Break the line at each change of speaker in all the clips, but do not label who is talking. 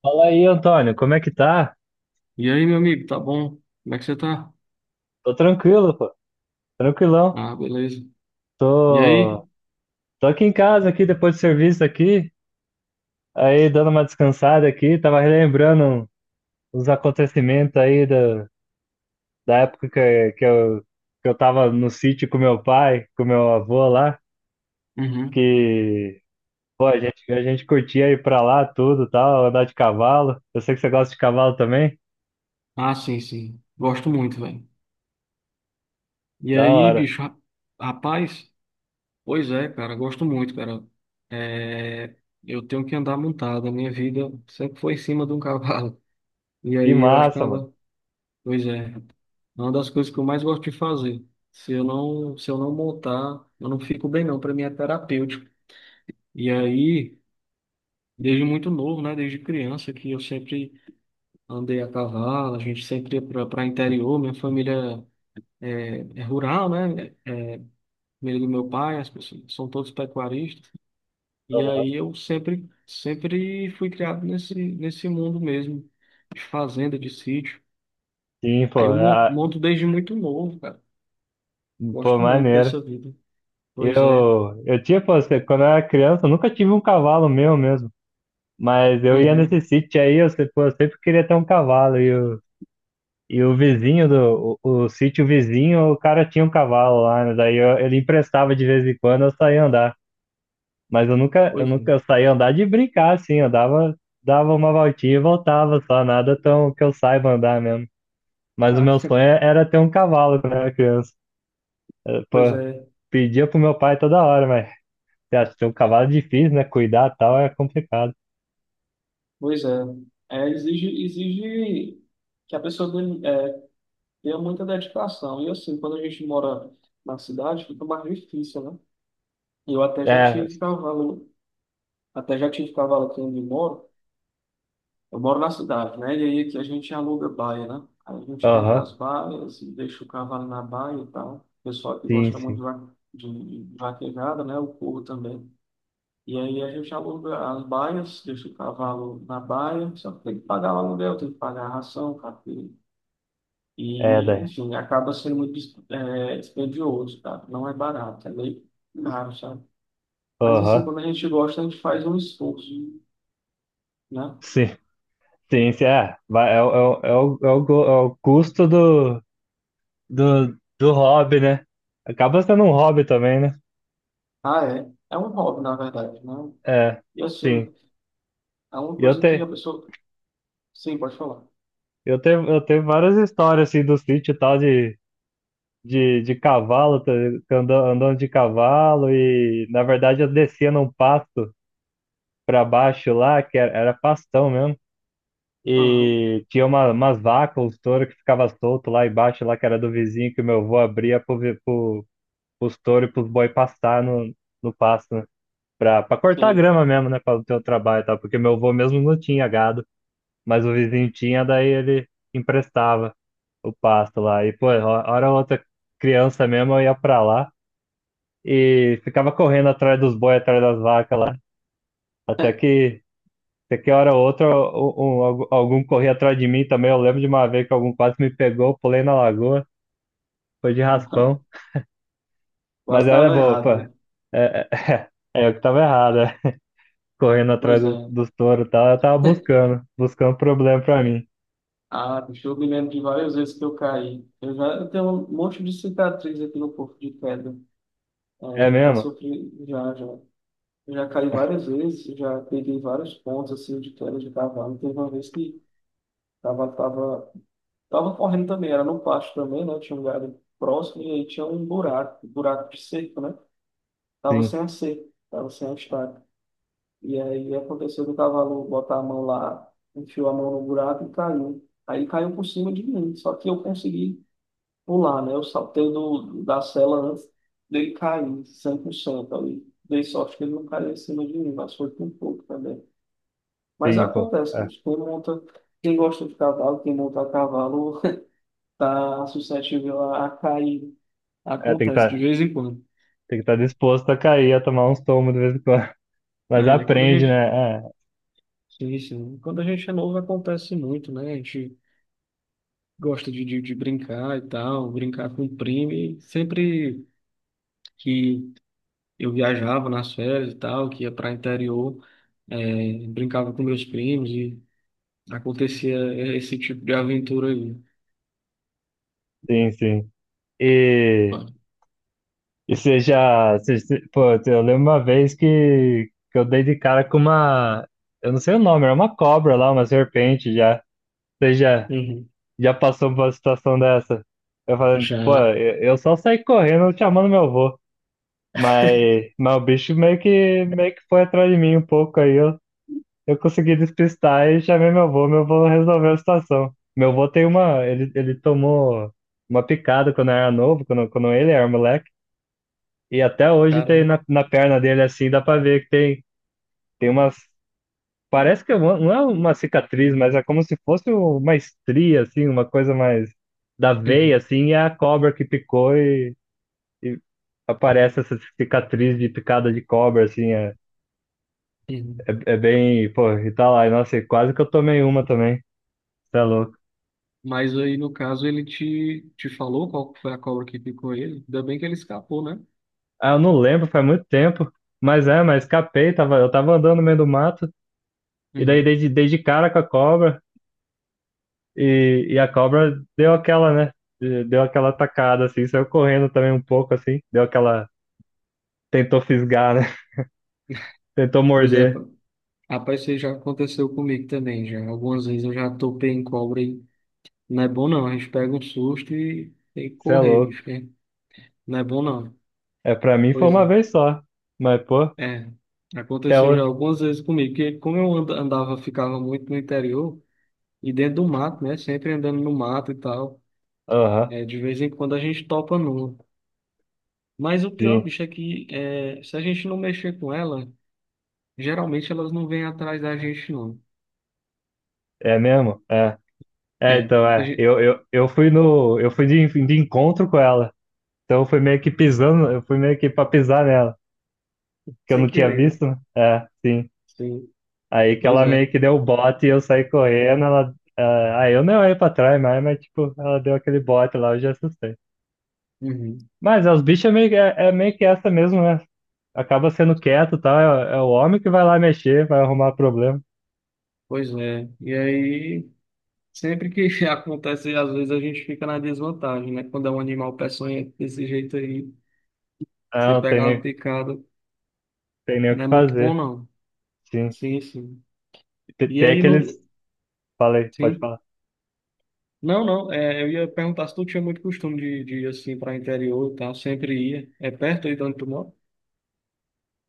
Fala aí, Antônio, como é que tá?
E aí, meu amigo, tá bom? Como é que você tá?
Tô tranquilo, pô, tranquilão.
Ah, beleza. E
Tô,
aí?
tô aqui em casa, aqui depois do serviço aqui, aí dando uma descansada aqui, tava relembrando os acontecimentos aí da época que eu tava no sítio com meu pai, com meu avô lá,
Uhum.
que, pô, a gente curtia ir pra lá tudo, tal, andar de cavalo. Eu sei que você gosta de cavalo também,
Ah, sim, sim. Gosto muito, velho. E
da
aí,
hora.
bicho, rapaz? Pois é, cara, gosto muito, cara. É. Eu tenho que andar montado. A minha vida sempre foi em cima de um cavalo. E
Que
aí, eu acho que
massa, mano.
Pois é. É uma das coisas que eu mais gosto de fazer. Se eu não montar, eu não fico bem não, para mim é terapêutico. E aí, desde muito novo, né, desde criança que eu sempre andei a cavalo, a gente sempre ia para interior, minha família é rural, né? Família do meu pai, as pessoas são todos pecuaristas. E aí eu sempre fui criado nesse mundo mesmo, de fazenda, de sítio.
Sim, pô,
Aí eu
ah,
monto desde muito novo, cara.
pô,
Gosto muito
maneiro.
dessa vida. Pois é.
Eu tinha, pô, quando eu era criança, eu nunca tive um cavalo meu mesmo. Mas eu ia nesse
Uhum.
sítio aí, eu, se- pô, eu sempre queria ter um cavalo. E o vizinho do o sítio vizinho, o cara tinha um cavalo lá, né? Ele emprestava de vez em quando, eu saía andar. Eu
Pois é.
nunca saía andar de brincar, assim, dava uma voltinha e voltava só, nada tão que eu saiba andar mesmo. Mas o
Ah.
meu sonho era ter um cavalo quando eu era criança. Pô,
Pois é.
pedia pro meu pai toda hora, mas. Você acha que é um cavalo é difícil, né? Cuidar e tal é complicado.
Pois é. É, exige que a pessoa deu muita dedicação. E assim, quando a gente mora na cidade, fica mais difícil, né? Eu até já
É,
tive cavalo, até já tive cavalo aqui onde eu moro. Eu moro na cidade, né? E aí aqui a gente aluga baia, né? Aí a gente aluga
aham,
as baias e deixa o cavalo na baia e tal. O pessoal que
sim,
gosta muito de
sim.
vaquejada, né? O povo também. E aí a gente aluga as baias, deixa o cavalo na baia, só que tem que pagar o aluguel, tem que pagar a ração, café.
É,
E,
daí.
enfim, acaba sendo muito dispendioso, tá? Não é barato, é meio caro, sabe? Mas, assim,
Aham,
quando a gente gosta, a gente faz um esforço, né?
sim, sim, sim. É, vai, é, o- é, o- é, o, é, o, go- é o custo do do hobby, né? Acaba sendo um hobby também, né?
Ah, é. É um hobby, na verdade, né?
É,
E, assim,
sim.
é uma
E
coisa que a pessoa... Sim, pode falar.
eu tenho várias histórias, assim, do sítio e tal de cavalo, tá ligado? Andando, andando de cavalo e, na verdade, eu descia num pasto pra baixo lá, que era pastão mesmo.
Aham,
E tinha umas vacas, uns touros que ficava solto lá embaixo, lá que era do vizinho, que o meu avô abria pro, pros touros e pros boi pastar no pasto, né? Pra cortar a
ok.
grama mesmo, né? Pra não ter o trabalho e tal, porque meu avô mesmo não tinha gado, mas o vizinho tinha, daí ele emprestava o pasto lá. E, pô, hora ou outra criança mesmo, eu ia pra lá e ficava correndo atrás dos boi, atrás das vacas lá, até que. Você que hora ou outra algum corria atrás de mim também. Eu lembro de uma vez que algum quase me pegou, eu pulei na lagoa, foi de raspão. Mas
Quase
era
dava
boa, pô.
errado, né?
É, é eu que tava errado, é. Correndo atrás
Pois é.
dos touros e tal, eu tava buscando, buscando problema pra mim.
Ah, bicho, eu me lembro de várias vezes que eu caí. Eu tenho um monte de cicatriz aqui no corpo de pedra. É,
É
eu já
mesmo?
sofri, já, já. Eu já caí várias vezes, eu já peguei vários pontos assim de queda de cavalo. Teve uma vez que tava, tava, tava correndo também, era no pasto também, né? Tinha um galho próximo e aí tinha um buraco de cerco, né? Tava
Sim,
sem a cerca, tava sem a estaca. E aí aconteceu do cavalo botar a mão lá, enfiou a mão no buraco e caiu. Aí caiu por cima de mim, só que eu consegui pular, né? Eu saltei da sela antes dele cair, 100% ali. Dei sorte que ele não caiu em cima de mim, mas foi por pouco também. Mas
sim, pô.
acontece,
É,
bicho. Quem monta, quem gosta de cavalo, quem monta a cavalo, tá suscetível a cair.
é, tem que
Acontece de
tá,
vez em quando,
tem que estar disposto a cair, a tomar uns tomos de vez em quando. Mas
né?
aprende, né? É,
Sim, sim. Quando a gente é novo, acontece muito, né? A gente gosta de brincar e tal, brincar com o primo. E sempre que eu viajava nas férias e tal, que ia para interior, brincava com meus primos e acontecia esse tipo de aventura aí.
sim, sim. E.
Mano.
E você já. Pô, eu lembro uma vez que eu dei de cara com uma. Eu não sei o nome, era uma cobra lá, uma serpente já. Você já,
Uhum.
já passou por uma situação dessa? Eu falando, pô,
Já,
eu só saí correndo chamando meu avô. Mas o bicho meio que foi atrás de mim um pouco aí. Eu consegui despistar e chamei meu avô. Meu avô resolveu a situação. Meu avô tem uma. Ele tomou uma picada quando era novo, quando ele era moleque. E até hoje tem
caramba.
na perna dele assim, dá pra ver que tem, tem umas. Parece que é uma- não é uma cicatriz, mas é como se fosse uma estria, assim, uma coisa mais da veia,
Uhum.
assim, e é a cobra que picou e aparece essa cicatriz de picada de cobra, assim,
Uhum.
é bem. Pô, e tá lá, e, nossa, e quase que eu tomei uma também, tá louco.
Mas aí, no caso, ele te falou qual foi a cobra que picou ele. Ainda bem que ele escapou, né?
Ah, eu não lembro, faz muito tempo, mas é, mas escapei, tava, eu tava andando no meio do mato, e daí
Uhum.
dei de cara com a cobra. E a cobra deu aquela, né? Deu aquela atacada, assim, saiu correndo também um pouco, assim, deu aquela. Tentou fisgar, né? Tentou
Pois é,
morder.
rapaz, isso aí já aconteceu comigo também, já. Algumas vezes eu já topei em cobra e não é bom não. A gente pega um susto e tem que
Você é
correr,
louco.
bicho, né? Não é bom não.
É, pra mim foi
Pois
uma
é.
vez só. Mas, pô,
É,
até
aconteceu já
hoje.
algumas vezes comigo, porque como eu andava, ficava muito no interior e dentro do mato, né? Sempre andando no mato e tal.
Aham,
É, de vez em quando a gente topa numa. Mas o pior,
sim.
bicho, é que se a gente não mexer com ela, geralmente elas não vêm atrás da gente, não.
É mesmo? É. É,
É,
então, é. Eu fui no. Eu fui de encontro com ela. Então eu fui meio que pisando, eu fui meio que pra pisar nela. Que eu
Sem
não tinha
querer, né?
visto, né? É, sim.
Sim,
Aí que
pois
ela
é.
meio que deu o bote e eu saí correndo, ela. Ah, aí eu nem olhei pra trás mais, mas tipo, ela deu aquele bote lá, eu já assustei.
Uhum.
Mas é, os bichos é meio, que- é, é meio que essa mesmo, né? Acaba sendo quieto e tal, é, é o homem que vai lá mexer, vai arrumar problema.
Pois é. E aí, sempre que acontece, às vezes a gente fica na desvantagem, né? Quando é um animal peçonhento desse jeito aí,
Ah,
se
não tem
pegar uma
nem,
picada,
tem nem o
não
que
é muito bom,
fazer,
não.
sim.
Sim, sim. E
Tem
aí,
aqueles. Falei, pode
sim.
falar.
Não, não, eu ia perguntar se tu tinha muito costume de ir assim para interior e tal, sempre ia. É perto aí de onde tu mora?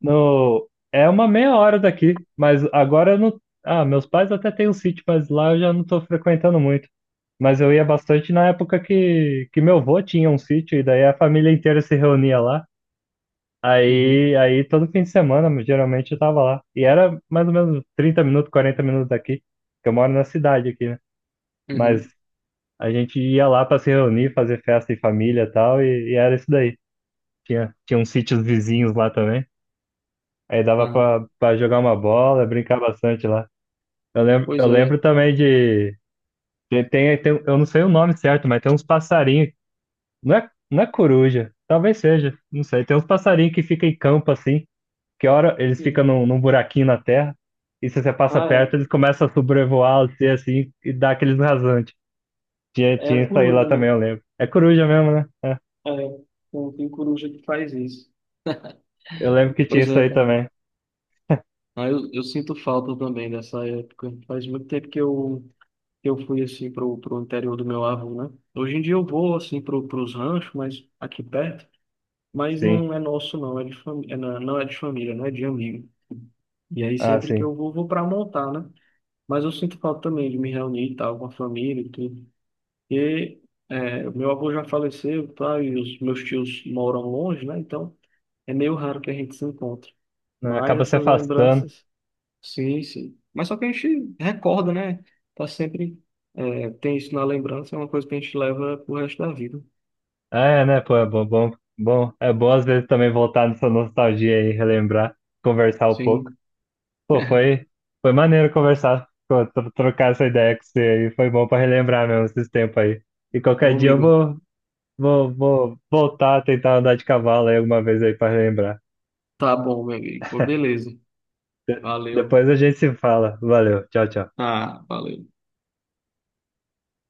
No, é uma meia hora daqui, mas agora eu não. Ah, meus pais até têm um sítio, mas lá eu já não estou frequentando muito. Mas eu ia bastante na época que meu avô tinha um sítio, e daí a família inteira se reunia lá.
Uhum.
Aí todo fim de semana, geralmente, eu tava lá. E era mais ou menos 30 minutos, 40 minutos daqui, que eu moro na cidade aqui, né? Mas
Uhum.
a gente ia lá para se reunir, fazer festa em família e tal, e era isso daí. Tinha uns sítios vizinhos lá também. Aí dava
Ah,
pra, pra jogar uma bola, brincar bastante lá.
pois
Eu
é.
lembro também de. Tem, tem, eu não sei o nome certo, mas tem uns passarinhos. Não é coruja, talvez seja, não sei. Tem uns passarinhos que ficam em campo assim, que hora eles ficam
Uhum.
num buraquinho na terra, e se você passa
Ah,
perto, eles começam a sobrevoar você assim e dá aqueles rasantes.
é. É a
Tinha isso aí lá
coruja
também,
mesmo.
eu lembro. É coruja mesmo, né? É.
É. Então, tem coruja que faz isso.
Eu lembro que tinha
Pois
isso
é,
aí
cara.
também.
Ah, eu sinto falta também dessa época. Faz muito tempo que eu fui assim pro interior do meu avô, né? Hoje em dia eu vou assim pros ranchos, mas aqui perto. Mas
Sim.
não é nosso, não. É de fami... é, não, é, não é de família, não é de amigo. E aí
Ah,
sempre que
sim.
eu vou pra montar, né? Mas eu sinto falta também de me reunir e tal com a família e tudo. E o meu avô já faleceu, tá? E os meus tios moram longe, né? Então é meio raro que a gente se encontre. Mas
Acaba se
essas
afastando.
lembranças, sim, sim. Mas só que a gente recorda, né? Tá sempre, tem isso na lembrança, é uma coisa que a gente leva pro resto da vida.
Ah, é, né, pô, é bom, bom, bom. É bom às vezes também voltar nessa nostalgia aí, relembrar, conversar um pouco.
Sim.
Pô, foi maneiro conversar, pô, trocar essa ideia com você aí. Foi bom pra relembrar mesmo esses tempos aí. E
Meu
qualquer dia eu
amigo,
vou voltar a tentar andar de cavalo aí alguma vez aí pra relembrar.
tá bom, meu amigo. Pô, beleza. Valeu.
Depois a gente se fala. Valeu, tchau, tchau.
Ah, valeu.